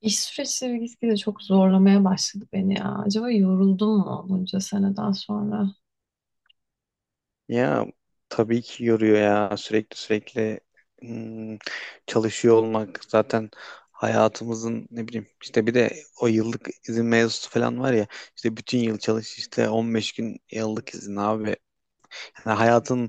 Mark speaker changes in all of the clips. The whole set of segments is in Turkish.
Speaker 1: İş süreçleri gitgide çok zorlamaya başladı beni ya. Acaba yoruldum mu bunca seneden sonra?
Speaker 2: Ya, tabii ki yoruyor ya, sürekli sürekli hmm, çalışıyor olmak zaten hayatımızın. Ne bileyim, işte bir de o yıllık izin mevzusu falan var ya. İşte bütün yıl çalış, işte 15 gün yıllık izin abi. Yani hayatın,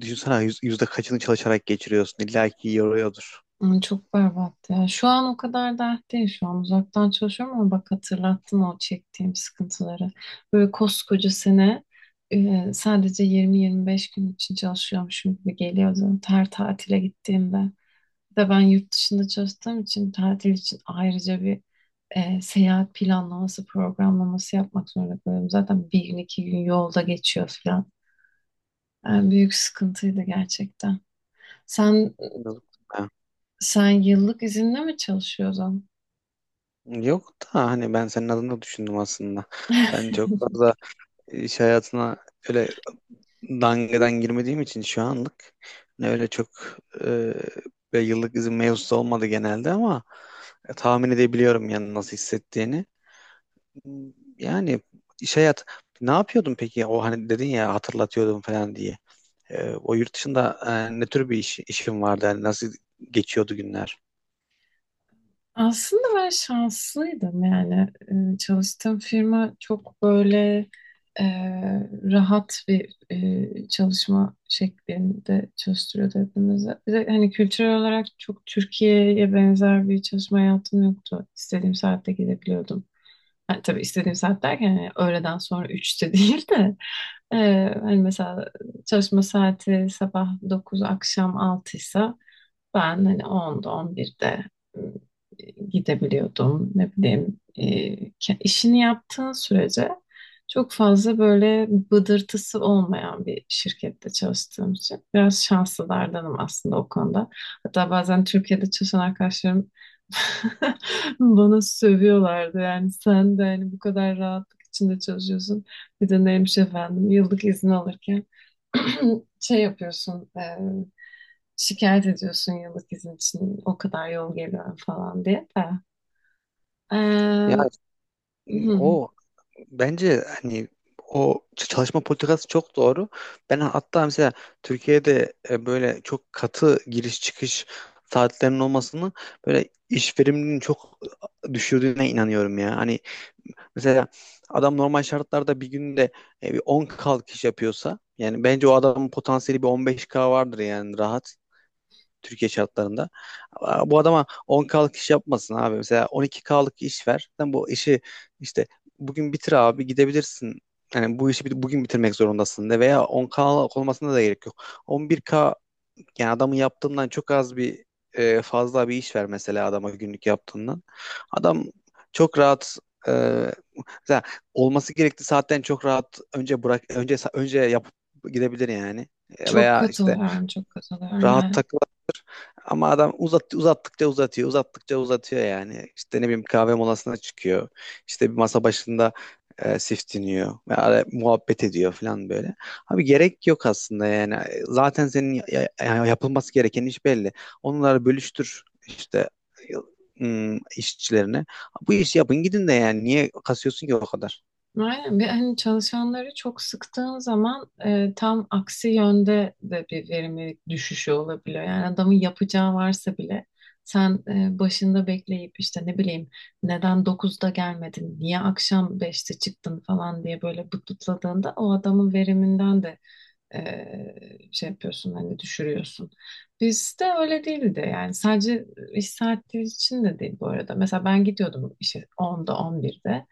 Speaker 2: düşünsene yüzde kaçını çalışarak geçiriyorsun, illa ki yoruyordur.
Speaker 1: Ay, çok berbat ya. Şu an o kadar dert değil. Şu an uzaktan çalışıyorum ama bak hatırlattın o çektiğim sıkıntıları. Böyle koskoca sene, sadece 20-25 gün için çalışıyormuşum gibi geliyordu. Her tatile gittiğimde. Bir de ben yurt dışında çalıştığım için tatil için ayrıca bir seyahat planlaması, programlaması yapmak zorunda kalıyorum. Zaten bir gün iki gün yolda geçiyor. Yani büyük sıkıntıydı gerçekten. Sen
Speaker 2: Yok da
Speaker 1: sen yıllık izinle mi çalışıyordun?
Speaker 2: Yok da hani ben senin adına düşündüm aslında. Ben çok fazla iş hayatına öyle dangadan girmediğim için şu anlık ne öyle çok e, bir yıllık izin mevzusu olmadı genelde, ama tahmin edebiliyorum yani nasıl hissettiğini. Yani iş hayat ne yapıyordun peki? O, hani dedin ya hatırlatıyordum falan diye. O yurt dışında ne tür bir işin vardı? Yani nasıl geçiyordu günler?
Speaker 1: Aslında ben şanslıydım yani. Çalıştığım firma çok böyle e, rahat bir çalışma şeklinde çalıştırıyordu hepimizi. Bir de hani kültürel olarak çok Türkiye'ye benzer bir çalışma hayatım yoktu. İstediğim saatte gidebiliyordum. Ha, tabii istediğim saat derken yani öğleden sonra üçte değil de, e, hani mesela çalışma saati sabah 9 akşam 6 ise ben hani 10'da 11'de ım, gidebiliyordum. Ne bileyim, işini yaptığın sürece çok fazla böyle bıdırtısı olmayan bir şirkette çalıştığım için biraz şanslılardanım aslında o konuda. Hatta bazen Türkiye'de çalışan arkadaşlarım bana sövüyorlardı. Yani sen de hani bu kadar rahatlık içinde çalışıyorsun. Bir de neymiş efendim yıllık izin alırken şey yapıyorsun, şikayet ediyorsun yıllık izin için o kadar yol geliyorum falan diye de.
Speaker 2: Ya
Speaker 1: Ee, hı,
Speaker 2: o Bence hani o çalışma politikası çok doğru. Ben hatta mesela Türkiye'de böyle çok katı giriş çıkış saatlerinin olmasını, böyle iş verimliliğinin çok düşürdüğüne inanıyorum ya. Hani mesela adam normal şartlarda bir günde bir 10 kalkış yapıyorsa yani bence o adamın potansiyeli bir 15K vardır yani, rahat. Türkiye şartlarında. Bu adama 10 kalık iş yapmasın abi. Mesela 12 kalık iş ver. Sen bu işi, işte bugün bitir abi, gidebilirsin. Yani bu işi bugün bitirmek zorundasın de, veya 10K'lık olmasına da gerek yok. 11K, yani adamın yaptığından çok az bir fazla bir iş ver mesela adama, günlük yaptığından. Adam çok rahat e, mesela, olması gerektiği saatten çok rahat önce bırak, önce yapıp gidebilir yani. E,
Speaker 1: Çok
Speaker 2: Veya işte
Speaker 1: katılıyorum, çok katılıyorum
Speaker 2: rahat
Speaker 1: yani.
Speaker 2: tak, ama adam uzattıkça uzatıyor, uzattıkça uzatıyor yani. İşte ne bileyim, kahve molasına çıkıyor. İşte bir masa başında siftiniyor. Ve muhabbet ediyor falan böyle. Abi gerek yok aslında yani. Zaten senin yapılması gereken iş belli. Onları bölüştür işte işçilerine. Bu işi yapın gidin de yani. Niye kasıyorsun ki o kadar?
Speaker 1: Aynen, bir hani çalışanları çok sıktığın zaman tam aksi yönde de bir verimlilik düşüşü olabiliyor. Yani adamın yapacağı varsa bile sen başında bekleyip işte ne bileyim neden dokuzda gelmedin, niye akşam beşte çıktın falan diye böyle bıtbıtladığında o adamın veriminden de şey yapıyorsun hani düşürüyorsun. Bizde öyle değildi yani, sadece iş saati için de değil bu arada. Mesela ben gidiyordum işe 10'da 11'de,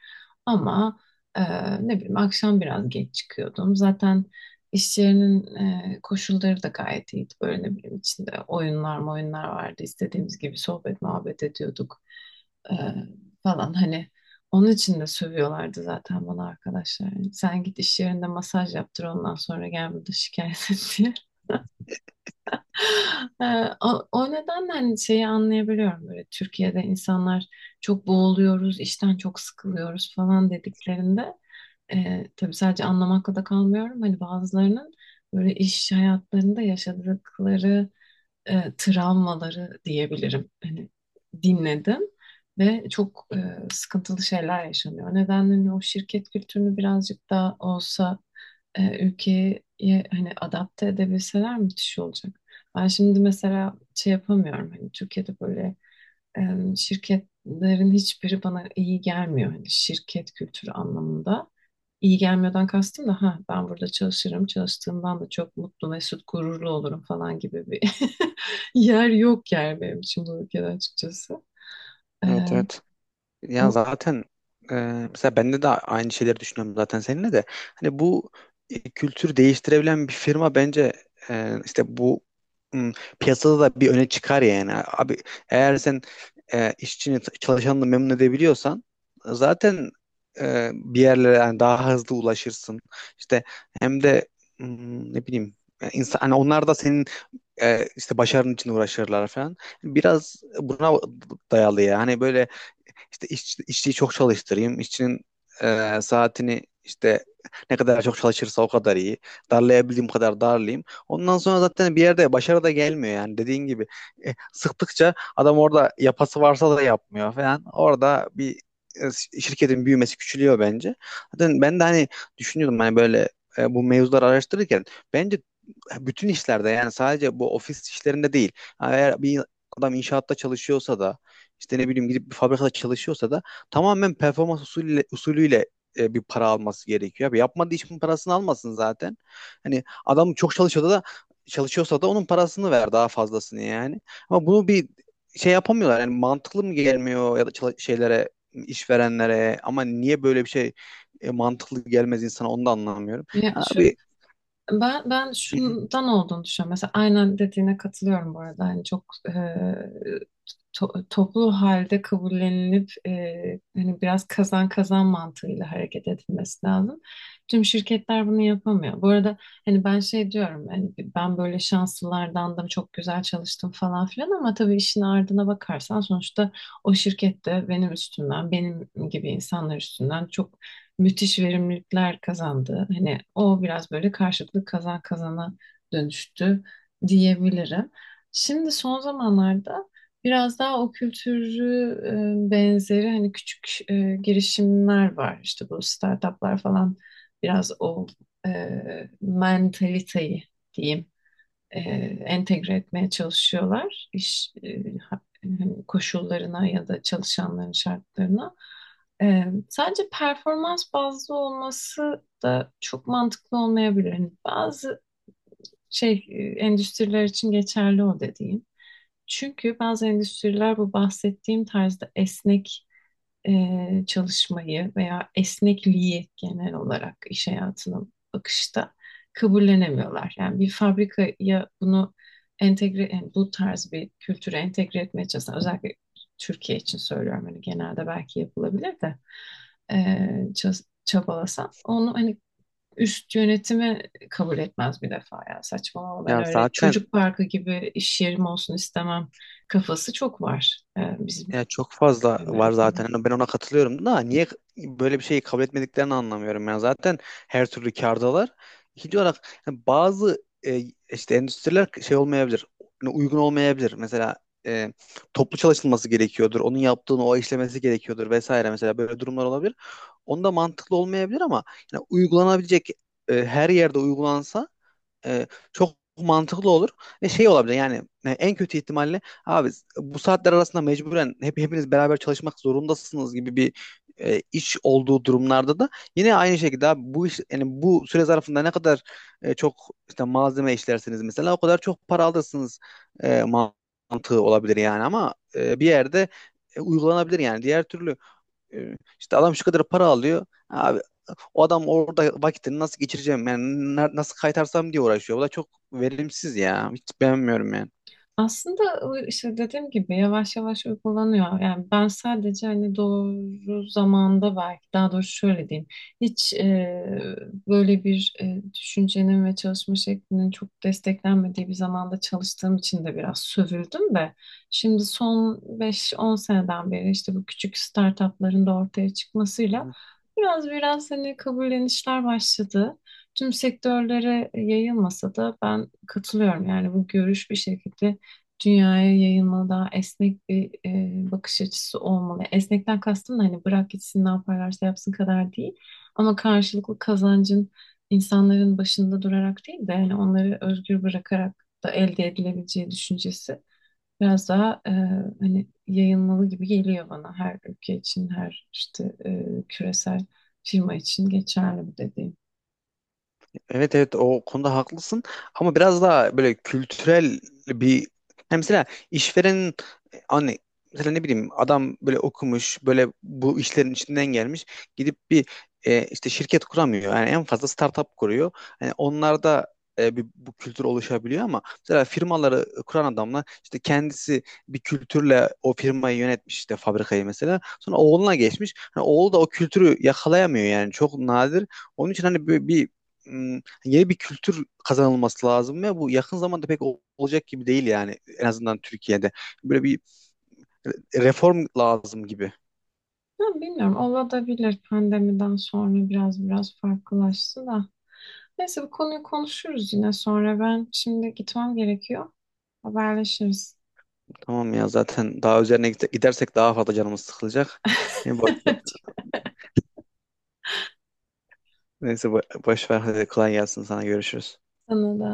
Speaker 1: ama e, ne bileyim akşam biraz geç çıkıyordum. Zaten iş yerinin koşulları da gayet iyiydi. Böyle ne bileyim içinde oyunlar oyunlar vardı. İstediğimiz gibi sohbet muhabbet ediyorduk e, falan, hani onun için de sövüyorlardı zaten bana arkadaşlar. Yani sen git iş yerinde masaj yaptır ondan sonra gel burada şikayet et diye. Ee, o nedenle hani şeyi anlayabiliyorum, böyle Türkiye'de insanlar çok boğuluyoruz, işten çok sıkılıyoruz falan dediklerinde, tabii sadece anlamakla da kalmıyorum. Hani bazılarının böyle iş hayatlarında yaşadıkları travmaları diyebilirim. Hani dinledim ve çok sıkıntılı şeyler yaşanıyor. O nedenle hani o şirket kültürünü birazcık daha olsa ülkeye hani adapte edebilseler müthiş olacak. Ben şimdi mesela şey yapamıyorum, hani Türkiye'de böyle şirketlerin hiçbiri bana iyi gelmiyor hani şirket kültürü anlamında. İyi gelmiyordan kastım da ha ben burada çalışırım çalıştığımdan da çok mutlu mesut gururlu olurum falan gibi bir yer yok yani benim için bu ülkede açıkçası. Ee,
Speaker 2: Evet, evet. Ya
Speaker 1: o,
Speaker 2: zaten e, mesela bende de aynı şeyleri düşünüyorum zaten, seninle de. Hani bu kültür değiştirebilen bir firma bence işte bu m, piyasada da bir öne çıkar yani. Abi, eğer sen işçini, çalışanını memnun edebiliyorsan, zaten bir yerlere yani daha hızlı ulaşırsın. İşte hem de m, ne bileyim, yani insan, hani onlar da senin işte başarın için uğraşırlar falan. Biraz buna dayalı ya. Hani böyle, işte işçiyi çok çalıştırayım. İşçinin saatini işte, ne kadar çok çalışırsa o kadar iyi. Darlayabildiğim kadar darlayayım. Ondan sonra zaten bir yerde başarı da gelmiyor yani, dediğin gibi. Sıktıkça adam orada yapası varsa da yapmıyor falan. Orada bir şirketin büyümesi küçülüyor bence. Zaten ben de hani düşünüyordum, hani böyle bu mevzuları araştırırken, bence bütün işlerde, yani sadece bu ofis işlerinde değil. Yani eğer bir adam inşaatta çalışıyorsa da, işte ne bileyim, gidip bir fabrikada çalışıyorsa da tamamen performans usulüyle bir para alması gerekiyor. Abi, yapmadığı işin parasını almasın zaten. Hani adam çok çalışıyorsa da onun parasını ver, daha fazlasını yani. Ama bunu bir şey yapamıyorlar. Yani mantıklı mı gelmiyor ya da şeylere, işverenlere, ama niye böyle bir şey mantıklı gelmez insana, onu da anlamıyorum.
Speaker 1: ya şu
Speaker 2: Abi.
Speaker 1: Ben ben şundan olduğunu düşünüyorum. Mesela aynen dediğine katılıyorum bu arada. Hani çok toplu halde kabullenilip, hani biraz kazan kazan mantığıyla hareket edilmesi lazım. Tüm şirketler bunu yapamıyor. Bu arada hani ben şey diyorum, hani ben böyle şanslılardandım çok güzel çalıştım falan filan, ama tabii işin ardına bakarsan sonuçta o şirkette benim üstümden, benim gibi insanlar üstünden çok müthiş verimlilikler kazandı. Hani o biraz böyle karşılıklı kazan kazana dönüştü diyebilirim. Şimdi son zamanlarda biraz daha o kültürü benzeri hani küçük girişimler var. İşte bu startuplar falan biraz o e, mentaliteyi diyeyim, e, entegre etmeye çalışıyorlar iş hani koşullarına ya da çalışanların şartlarına. E, sadece performans bazlı olması da çok mantıklı olmayabilir. Hani bazı endüstriler için geçerli o dediğim. Çünkü bazı endüstriler bu bahsettiğim tarzda esnek çalışmayı veya esnekliği genel olarak iş hayatına bakışta kabullenemiyorlar. Yani bir fabrikaya bunu entegre, yani bu tarz bir kültüre entegre etmeye çalışan, özellikle Türkiye için söylüyorum hani, genelde belki yapılabilir de e, çabalasan onu hani üst yönetimi kabul etmez bir defa, ya saçmalama ben
Speaker 2: ya
Speaker 1: öyle
Speaker 2: zaten
Speaker 1: çocuk parkı gibi iş yerim olsun istemem kafası çok var bizim
Speaker 2: Ya çok fazla
Speaker 1: yani
Speaker 2: var
Speaker 1: ülkede.
Speaker 2: zaten. Hani ben ona katılıyorum, da niye böyle bir şeyi kabul etmediklerini anlamıyorum. Yani zaten her türlü kârdalar. İkinci olarak, hani bazı işte endüstriler şey olmayabilir, hani uygun olmayabilir. Mesela e, toplu çalışılması gerekiyordur. Onun yaptığını o işlemesi gerekiyordur vesaire. Mesela böyle durumlar olabilir. Onda mantıklı olmayabilir, ama yani uygulanabilecek her yerde uygulansa e, çok mantıklı olur ve şey olabilir yani. En kötü ihtimalle abi, bu saatler arasında mecburen hepiniz beraber çalışmak zorundasınız gibi bir iş olduğu durumlarda da, yine aynı şekilde, abi bu iş yani bu süre zarfında ne kadar çok işte malzeme işlersiniz mesela, o kadar çok para alırsınız mantığı olabilir yani. Ama bir yerde uygulanabilir yani. Diğer türlü e, işte adam şu kadar para alıyor abi, o adam orada vakitini nasıl geçireceğim yani, nasıl kaytarsam diye uğraşıyor. Bu da çok verimsiz ya. Hiç beğenmiyorum yani.
Speaker 1: Aslında o işte dediğim gibi yavaş yavaş uygulanıyor. Yani ben sadece hani doğru zamanda, belki daha doğrusu şöyle diyeyim. Hiç e, Böyle bir düşüncenin ve çalışma şeklinin çok desteklenmediği bir zamanda çalıştığım için de biraz sövüldüm de. Şimdi son beş on seneden beri işte bu küçük startupların da ortaya çıkmasıyla
Speaker 2: Hı.
Speaker 1: biraz hani kabullenişler başladı. Tüm sektörlere yayılmasa da ben katılıyorum. Yani bu görüş bir şekilde dünyaya yayılmalı, daha esnek bir bakış açısı olmalı. Esnekten kastım da hani bırak gitsin ne yaparlarsa yapsın kadar değil. Ama karşılıklı kazancın insanların başında durarak değil de yani onları özgür bırakarak da elde edilebileceği düşüncesi biraz daha hani yayılmalı gibi geliyor bana her ülke için, her işte küresel firma için geçerli bu dediğim.
Speaker 2: Evet, evet, o konuda haklısın, ama biraz daha böyle kültürel bir, yani mesela işverenin hani, mesela ne bileyim, adam böyle okumuş, böyle bu işlerin içinden gelmiş, gidip bir işte şirket kuramıyor yani, en fazla startup kuruyor. Yani onlarda bu kültür oluşabiliyor, ama mesela firmaları kuran adamla, işte kendisi bir kültürle o firmayı yönetmiş, işte fabrikayı mesela sonra oğluna geçmiş, hani oğlu da o kültürü yakalayamıyor yani, çok nadir. Onun için hani bir, bir yeni bir kültür kazanılması lazım, ve bu yakın zamanda pek olacak gibi değil yani, en azından Türkiye'de. Böyle bir reform lazım gibi.
Speaker 1: Ya bilmiyorum, olabilir, pandemiden sonra biraz farklılaştı da. Neyse, bu konuyu konuşuruz yine sonra. Ben şimdi gitmem gerekiyor. Haberleşiriz.
Speaker 2: Tamam, ya zaten daha üzerine gidersek daha fazla canımız sıkılacak. Hem boş- Neyse, boş ver, hadi kolay gelsin, sana görüşürüz.
Speaker 1: Sana da.